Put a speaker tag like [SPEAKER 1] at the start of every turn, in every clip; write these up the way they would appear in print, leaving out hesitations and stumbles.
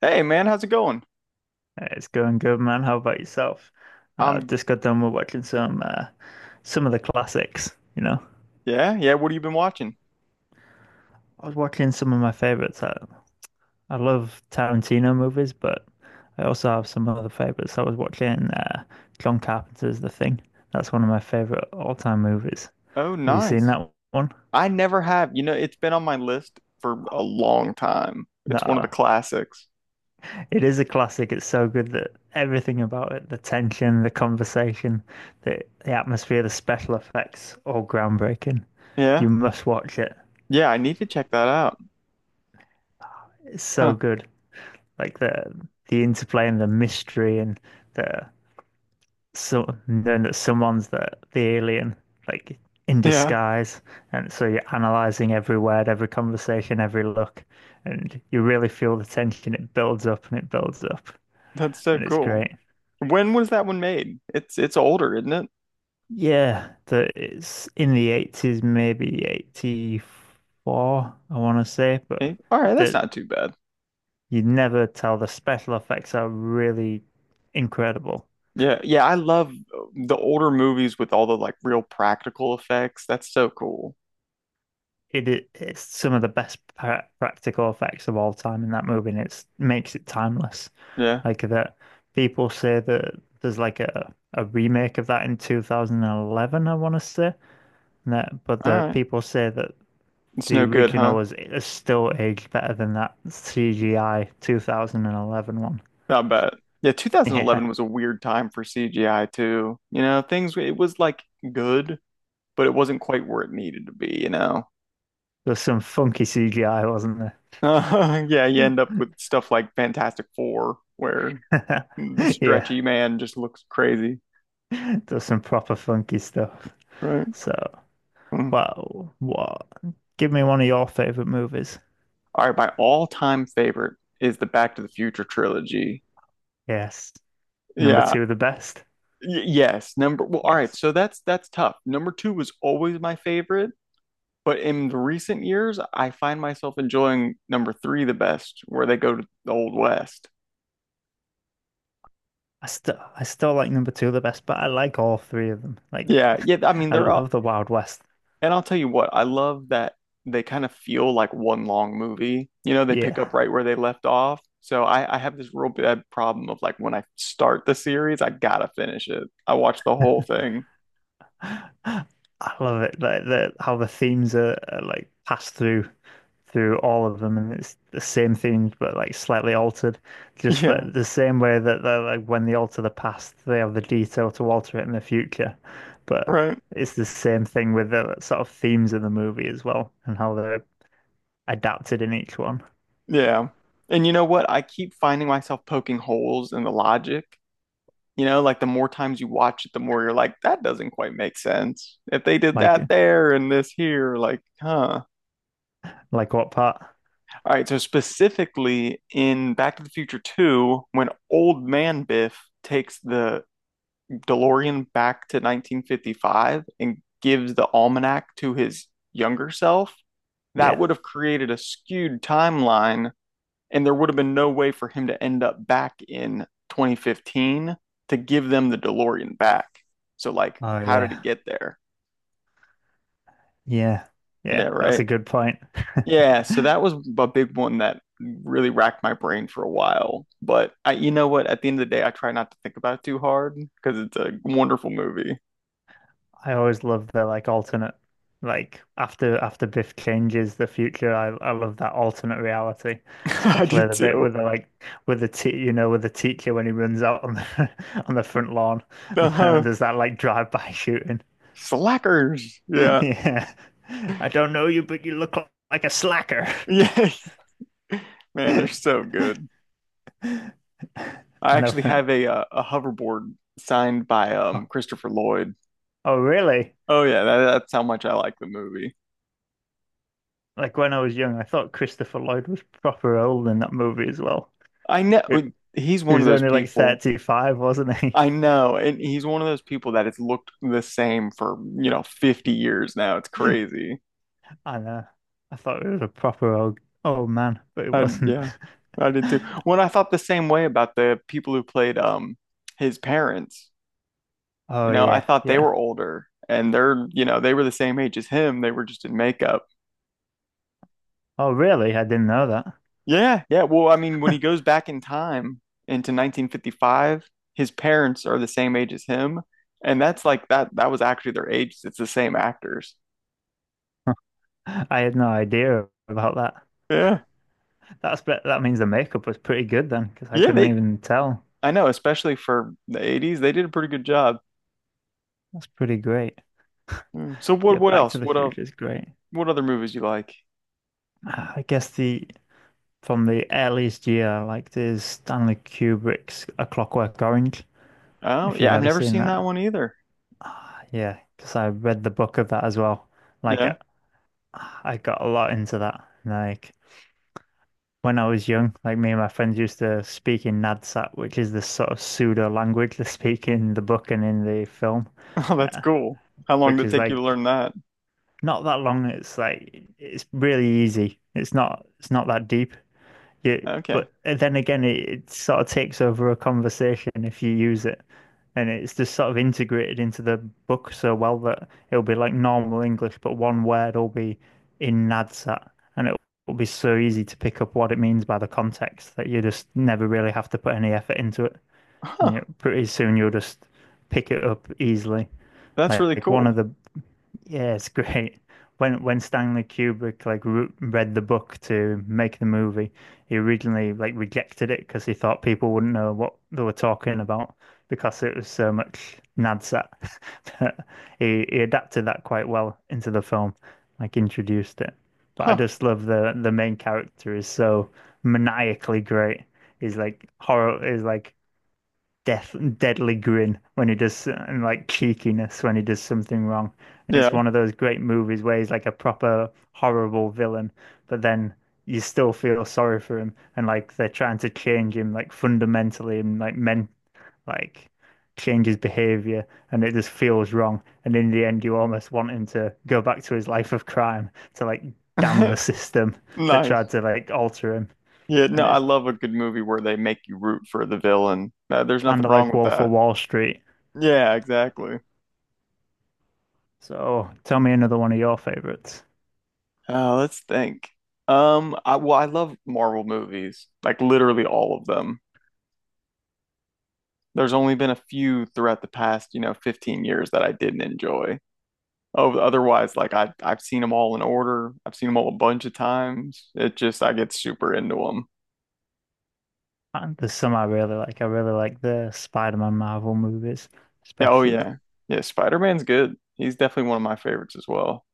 [SPEAKER 1] Hey man, how's it going?
[SPEAKER 2] It's going good, man. How about yourself?
[SPEAKER 1] Um,
[SPEAKER 2] Just got done with watching some some of the classics, you know.
[SPEAKER 1] yeah, yeah, what have you been watching?
[SPEAKER 2] I was watching some of my favorites. I love Tarantino movies, but I also have some other favorites. I was watching John Carpenter's The Thing. That's one of my favorite all-time movies.
[SPEAKER 1] Oh,
[SPEAKER 2] Have you seen
[SPEAKER 1] nice.
[SPEAKER 2] that one?
[SPEAKER 1] I never have. You know, it's been on my list for a long time. It's one of the
[SPEAKER 2] No,
[SPEAKER 1] classics.
[SPEAKER 2] it is a classic. It's so good that everything about it, the tension, the conversation, the atmosphere, the special effects, all groundbreaking.
[SPEAKER 1] Yeah.
[SPEAKER 2] You must watch it.
[SPEAKER 1] Yeah, I need to check that out.
[SPEAKER 2] It's so
[SPEAKER 1] Huh.
[SPEAKER 2] good. Like the the interplay and the mystery and the so knowing that someone's the alien, like in
[SPEAKER 1] Yeah,
[SPEAKER 2] disguise. And so you're analyzing every word, every conversation, every look, and you really feel the tension. It builds up and it builds up,
[SPEAKER 1] that's so
[SPEAKER 2] and it's
[SPEAKER 1] cool.
[SPEAKER 2] great.
[SPEAKER 1] When was that one made? It's older, isn't it?
[SPEAKER 2] Yeah, that it's in the 80s, maybe 84, I want to say, but
[SPEAKER 1] Eh, all right, that's
[SPEAKER 2] that
[SPEAKER 1] not too bad.
[SPEAKER 2] you never tell, the special effects are really incredible.
[SPEAKER 1] Yeah, yeah, I love the older movies with all the like real practical effects. That's so cool.
[SPEAKER 2] It it's some of the best practical effects of all time in that movie, and it's makes it timeless.
[SPEAKER 1] Yeah.
[SPEAKER 2] Like that, people say that there's like a remake of that in 2011, I want to say, but
[SPEAKER 1] All
[SPEAKER 2] the
[SPEAKER 1] right.
[SPEAKER 2] people say that
[SPEAKER 1] It's
[SPEAKER 2] the
[SPEAKER 1] no good, huh?
[SPEAKER 2] original is still aged better than that CGI 2011 one.
[SPEAKER 1] I bet. Yeah, 2011
[SPEAKER 2] Yeah,
[SPEAKER 1] was a weird time for CGI too. You know, things it was like good, but it wasn't quite where it needed to be, you know.
[SPEAKER 2] there's some funky CGI, wasn't
[SPEAKER 1] Yeah, you end up with stuff like Fantastic Four where
[SPEAKER 2] there?
[SPEAKER 1] the
[SPEAKER 2] Yeah,
[SPEAKER 1] stretchy man just looks crazy,
[SPEAKER 2] there's some proper funky stuff.
[SPEAKER 1] right?
[SPEAKER 2] So.
[SPEAKER 1] Mm.
[SPEAKER 2] Well, what? Give me one of your favorite movies.
[SPEAKER 1] All right, my all-time favorite is the Back to the Future trilogy.
[SPEAKER 2] Yes. Number
[SPEAKER 1] Yeah.
[SPEAKER 2] two, the best.
[SPEAKER 1] Yes, number, well, all right,
[SPEAKER 2] Yes.
[SPEAKER 1] so that's tough. Number two was always my favorite. But in the recent years, I find myself enjoying number three the best, where they go to the Old West.
[SPEAKER 2] I still like number two the best, but I like all three of them. Like,
[SPEAKER 1] Yeah, yeah. I mean,
[SPEAKER 2] I
[SPEAKER 1] they're all,
[SPEAKER 2] love the Wild West.
[SPEAKER 1] and I'll tell you what, I love that they kind of feel like one long movie. You know, they pick up
[SPEAKER 2] Yeah.
[SPEAKER 1] right where they left off. So I have this real bad problem of like when I start the series, I gotta finish it. I watch the whole thing.
[SPEAKER 2] I love it. Like the how the themes are like passed through all of them, and it's the same themes but like slightly altered. Just
[SPEAKER 1] Yeah,
[SPEAKER 2] that the same way that they're, like when they alter the past, they have the detail to alter it in the future. But
[SPEAKER 1] right.
[SPEAKER 2] it's the same thing with the sort of themes of the movie as well, and how they're adapted in each one.
[SPEAKER 1] Yeah. And you know what? I keep finding myself poking holes in the logic. You know, like the more times you watch it, the more you're like, that doesn't quite make sense. If they did
[SPEAKER 2] Like,
[SPEAKER 1] that there and this here, like, huh.
[SPEAKER 2] like what part?
[SPEAKER 1] All right, so specifically in Back to the Future 2, when old man Biff takes the DeLorean back to 1955 and gives the almanac to his younger self, that
[SPEAKER 2] Yeah.
[SPEAKER 1] would have created a skewed timeline and there would have been no way for him to end up back in 2015 to give them the DeLorean back. So like,
[SPEAKER 2] Oh
[SPEAKER 1] how did it
[SPEAKER 2] yeah.
[SPEAKER 1] get there?
[SPEAKER 2] Yeah.
[SPEAKER 1] Yeah,
[SPEAKER 2] Yeah. That's a
[SPEAKER 1] right.
[SPEAKER 2] good point.
[SPEAKER 1] Yeah, so that was a big one that really racked my brain for a while. But I, you know what? At the end of the day, I try not to think about it too hard because it's a wonderful movie.
[SPEAKER 2] I always love the like alternate, like after Biff changes the future. I love that alternate reality,
[SPEAKER 1] I do
[SPEAKER 2] especially the bit
[SPEAKER 1] too.
[SPEAKER 2] with the like with the te you know with the teacher when he runs out on the on the front lawn and then
[SPEAKER 1] Uh-huh.
[SPEAKER 2] there's that like drive-by shooting.
[SPEAKER 1] Slackers. Yeah.
[SPEAKER 2] Yeah, I don't know you, but you look like a slacker.
[SPEAKER 1] Yeah. Man, they're
[SPEAKER 2] I
[SPEAKER 1] so good. I
[SPEAKER 2] love
[SPEAKER 1] actually have
[SPEAKER 2] that.
[SPEAKER 1] a hoverboard signed by
[SPEAKER 2] Oh,
[SPEAKER 1] Christopher Lloyd.
[SPEAKER 2] oh, really?
[SPEAKER 1] Oh yeah, that's how much I like the movie.
[SPEAKER 2] Like when I was young, I thought Christopher Lloyd was proper old in that movie as well.
[SPEAKER 1] I know,
[SPEAKER 2] He
[SPEAKER 1] he's
[SPEAKER 2] he
[SPEAKER 1] one of
[SPEAKER 2] was
[SPEAKER 1] those
[SPEAKER 2] only like
[SPEAKER 1] people.
[SPEAKER 2] 35, wasn't he?
[SPEAKER 1] I know, and he's one of those people that has looked the same for, you know, 50 years now. It's crazy.
[SPEAKER 2] I know. I thought it was a proper old man, but it
[SPEAKER 1] I,
[SPEAKER 2] wasn't.
[SPEAKER 1] yeah, I did too. When I thought the same way about the people who played his parents, you
[SPEAKER 2] Oh
[SPEAKER 1] know, I
[SPEAKER 2] yeah,
[SPEAKER 1] thought they
[SPEAKER 2] yeah.
[SPEAKER 1] were older and they're, you know, they were the same age as him. They were just in makeup.
[SPEAKER 2] Oh really? I didn't know that.
[SPEAKER 1] Yeah, yeah. Well, I mean, when he goes back in time into 1955, his parents are the same age as him, and that's like that was actually their age. It's the same actors.
[SPEAKER 2] I had no idea about that.
[SPEAKER 1] Yeah.
[SPEAKER 2] That means the makeup was pretty good then, because I
[SPEAKER 1] Yeah,
[SPEAKER 2] couldn't
[SPEAKER 1] they
[SPEAKER 2] even tell.
[SPEAKER 1] I know, especially for the 80s, they did a pretty good job.
[SPEAKER 2] That's pretty great.
[SPEAKER 1] Mm. So
[SPEAKER 2] Yeah,
[SPEAKER 1] what
[SPEAKER 2] Back
[SPEAKER 1] else?
[SPEAKER 2] to the Future is great.
[SPEAKER 1] What other movies you like?
[SPEAKER 2] Ah, I guess the from the earliest year I liked is Stanley Kubrick's A Clockwork Orange,
[SPEAKER 1] Oh,
[SPEAKER 2] if you've
[SPEAKER 1] yeah, I've
[SPEAKER 2] ever
[SPEAKER 1] never
[SPEAKER 2] seen
[SPEAKER 1] seen that
[SPEAKER 2] that.
[SPEAKER 1] one either.
[SPEAKER 2] Yeah, because I read the book of that as well. Like I
[SPEAKER 1] Yeah.
[SPEAKER 2] I got a lot into that. Like when I was young, like me and my friends used to speak in Nadsat, which is the sort of pseudo language they speak in the book and in the film,
[SPEAKER 1] Oh, that's
[SPEAKER 2] uh,
[SPEAKER 1] cool. How long
[SPEAKER 2] which
[SPEAKER 1] did it
[SPEAKER 2] is
[SPEAKER 1] take you to
[SPEAKER 2] like
[SPEAKER 1] learn that?
[SPEAKER 2] not that long. It's like it's really easy. It's not that deep. Yeah,
[SPEAKER 1] Okay.
[SPEAKER 2] but then again, it sort of takes over a conversation if you use it, and it's just sort of integrated into the book so well that it'll be like normal English, but one word will be in Nadsat, and it will be so easy to pick up what it means by the context that you just never really have to put any effort into it, and you
[SPEAKER 1] Huh.
[SPEAKER 2] pretty soon you'll just pick it up easily.
[SPEAKER 1] That's really
[SPEAKER 2] Like one of
[SPEAKER 1] cool.
[SPEAKER 2] the Yeah, it's great. When Stanley Kubrick like re read the book to make the movie, he originally like rejected it because he thought people wouldn't know what they were talking about because it was so much Nadsat. But he adapted that quite well into the film, like introduced it. But I
[SPEAKER 1] Huh.
[SPEAKER 2] just love the main character is so maniacally great. He's like horror is like death deadly grin when he does and like cheekiness when he does something wrong. And it's
[SPEAKER 1] Yeah.
[SPEAKER 2] one of those great movies where he's like a proper horrible villain, but then you still feel sorry for him and like they're trying to change him like fundamentally and like men like change his behavior and it just feels wrong. And in the end you almost want him to go back to his life of crime to like damn the system that tried
[SPEAKER 1] Nice.
[SPEAKER 2] to like alter him.
[SPEAKER 1] Yeah, no,
[SPEAKER 2] And
[SPEAKER 1] I
[SPEAKER 2] it's
[SPEAKER 1] love a good movie where they make you root for the villain. There's
[SPEAKER 2] kind
[SPEAKER 1] nothing
[SPEAKER 2] of
[SPEAKER 1] wrong
[SPEAKER 2] like
[SPEAKER 1] with
[SPEAKER 2] Wolf of
[SPEAKER 1] that.
[SPEAKER 2] Wall Street.
[SPEAKER 1] Yeah, exactly.
[SPEAKER 2] So tell me another one of your favorites.
[SPEAKER 1] Let's think. I Well, I love Marvel movies, like literally all of them. There's only been a few throughout the past, you know, 15 years that I didn't enjoy. Oh, otherwise, like I've seen them all in order. I've seen them all a bunch of times. It just I get super into them.
[SPEAKER 2] And there's some I really like. I really like the Spider-Man Marvel movies,
[SPEAKER 1] Yeah, oh
[SPEAKER 2] especially.
[SPEAKER 1] yeah. Yeah, Spider-Man's good. He's definitely one of my favorites as well.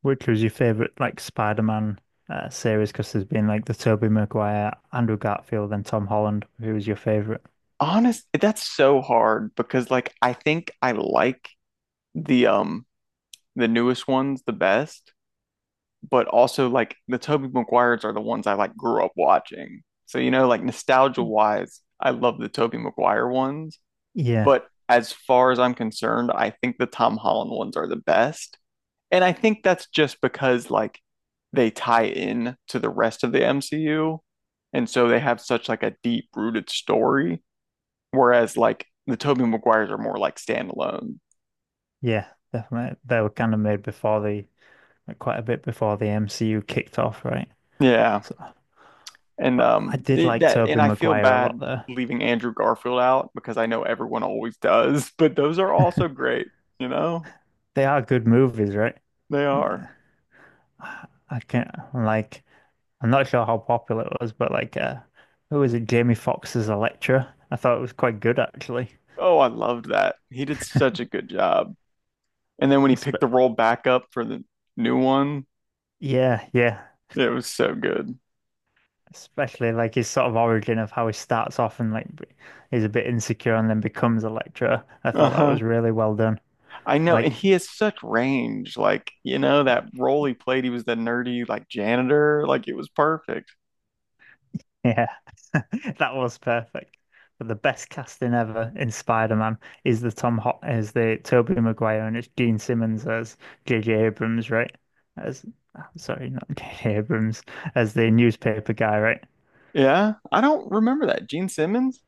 [SPEAKER 2] Which was your favorite, like Spider-Man series? Because there's been like the Tobey Maguire, Andrew Garfield, and Tom Holland. Who was your favorite?
[SPEAKER 1] Honest, that's so hard because like I think I like the um the newest ones the best, but also like the Tobey Maguires are the ones I like grew up watching. So you know, like nostalgia wise, I love the Tobey Maguire ones,
[SPEAKER 2] Yeah,
[SPEAKER 1] but as far as I'm concerned, I think the Tom Holland ones are the best. And I think that's just because like they tie in to the rest of the MCU, and so they have such like a deep rooted story. Whereas like the Tobey Maguires are more like standalone.
[SPEAKER 2] yeah, definitely. They were kind of made before the, like, quite a bit before the MCU kicked off, right?
[SPEAKER 1] Yeah.
[SPEAKER 2] So,
[SPEAKER 1] And
[SPEAKER 2] but I did
[SPEAKER 1] it,
[SPEAKER 2] like
[SPEAKER 1] that and
[SPEAKER 2] Tobey
[SPEAKER 1] I feel
[SPEAKER 2] Maguire a lot,
[SPEAKER 1] bad
[SPEAKER 2] though.
[SPEAKER 1] leaving Andrew Garfield out because I know everyone always does, but those are also great, you know?
[SPEAKER 2] They are good movies, right?
[SPEAKER 1] They
[SPEAKER 2] And,
[SPEAKER 1] are.
[SPEAKER 2] I can't like. I'm not sure how popular it was, but who was it? Jamie Foxx as a lecturer. I thought it was quite good actually.
[SPEAKER 1] Oh, I loved that. He did such a good job. And then when he picked the
[SPEAKER 2] Espe-
[SPEAKER 1] role back up for the new one,
[SPEAKER 2] yeah, yeah.
[SPEAKER 1] it was so good.
[SPEAKER 2] Especially like his sort of origin of how he starts off and he's a bit insecure and then becomes a lecturer. I thought that was
[SPEAKER 1] Uh-huh.
[SPEAKER 2] really well done.
[SPEAKER 1] I know,
[SPEAKER 2] Like,
[SPEAKER 1] and he has such range. Like, you know, that role he played, he was the nerdy like janitor, like it was perfect.
[SPEAKER 2] yeah. That was perfect. But the best casting ever in Spider-Man is the Tobey Maguire and it's Gene Simmons as J J Abrams, right? As sorry, not J.J. Abrams, as the newspaper guy, right?
[SPEAKER 1] Yeah, I don't remember that. Gene Simmons?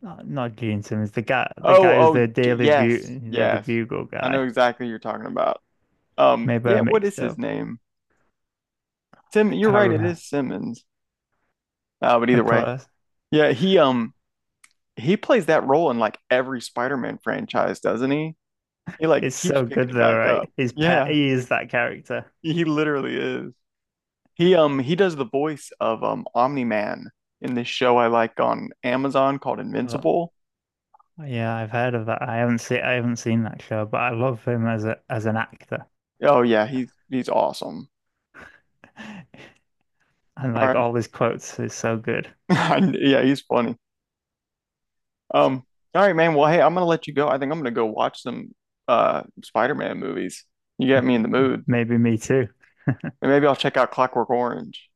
[SPEAKER 2] Not Gene Simmons, the
[SPEAKER 1] Oh,
[SPEAKER 2] guy who's
[SPEAKER 1] oh,
[SPEAKER 2] the
[SPEAKER 1] Yes,
[SPEAKER 2] Daily
[SPEAKER 1] yes.
[SPEAKER 2] Bugle
[SPEAKER 1] I know
[SPEAKER 2] guy.
[SPEAKER 1] exactly who you're talking about.
[SPEAKER 2] Maybe I
[SPEAKER 1] Yeah, what
[SPEAKER 2] mixed
[SPEAKER 1] is his
[SPEAKER 2] up.
[SPEAKER 1] name? Sim,
[SPEAKER 2] I
[SPEAKER 1] you're
[SPEAKER 2] can't
[SPEAKER 1] right, it
[SPEAKER 2] remember.
[SPEAKER 1] is Simmons. But either
[SPEAKER 2] Of
[SPEAKER 1] way,
[SPEAKER 2] course.
[SPEAKER 1] yeah, he plays that role in like every Spider-Man franchise, doesn't he? He like
[SPEAKER 2] It's
[SPEAKER 1] keeps
[SPEAKER 2] so
[SPEAKER 1] picking
[SPEAKER 2] good
[SPEAKER 1] it
[SPEAKER 2] though,
[SPEAKER 1] back
[SPEAKER 2] right?
[SPEAKER 1] up.
[SPEAKER 2] His pet
[SPEAKER 1] Yeah,
[SPEAKER 2] He is that character.
[SPEAKER 1] he literally is. He does the voice of Omni-Man in this show I like on Amazon called Invincible.
[SPEAKER 2] Yeah, I've heard of that. I haven't seen that show, but I love him as a as an actor.
[SPEAKER 1] Oh yeah, he's awesome.
[SPEAKER 2] And
[SPEAKER 1] All
[SPEAKER 2] like
[SPEAKER 1] right.
[SPEAKER 2] all his quotes is so good.
[SPEAKER 1] Yeah, he's funny. Um, all right, man. Well, hey, I'm gonna let you go. I think I'm gonna go watch some Spider-Man movies. You got me in the mood.
[SPEAKER 2] Maybe me too.
[SPEAKER 1] And maybe I'll check out Clockwork Orange.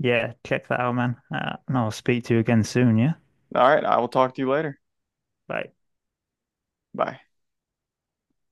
[SPEAKER 2] Yeah, check that out, man. And I'll speak to you again soon, yeah?
[SPEAKER 1] All right, I will talk to you later.
[SPEAKER 2] Bye.
[SPEAKER 1] Bye.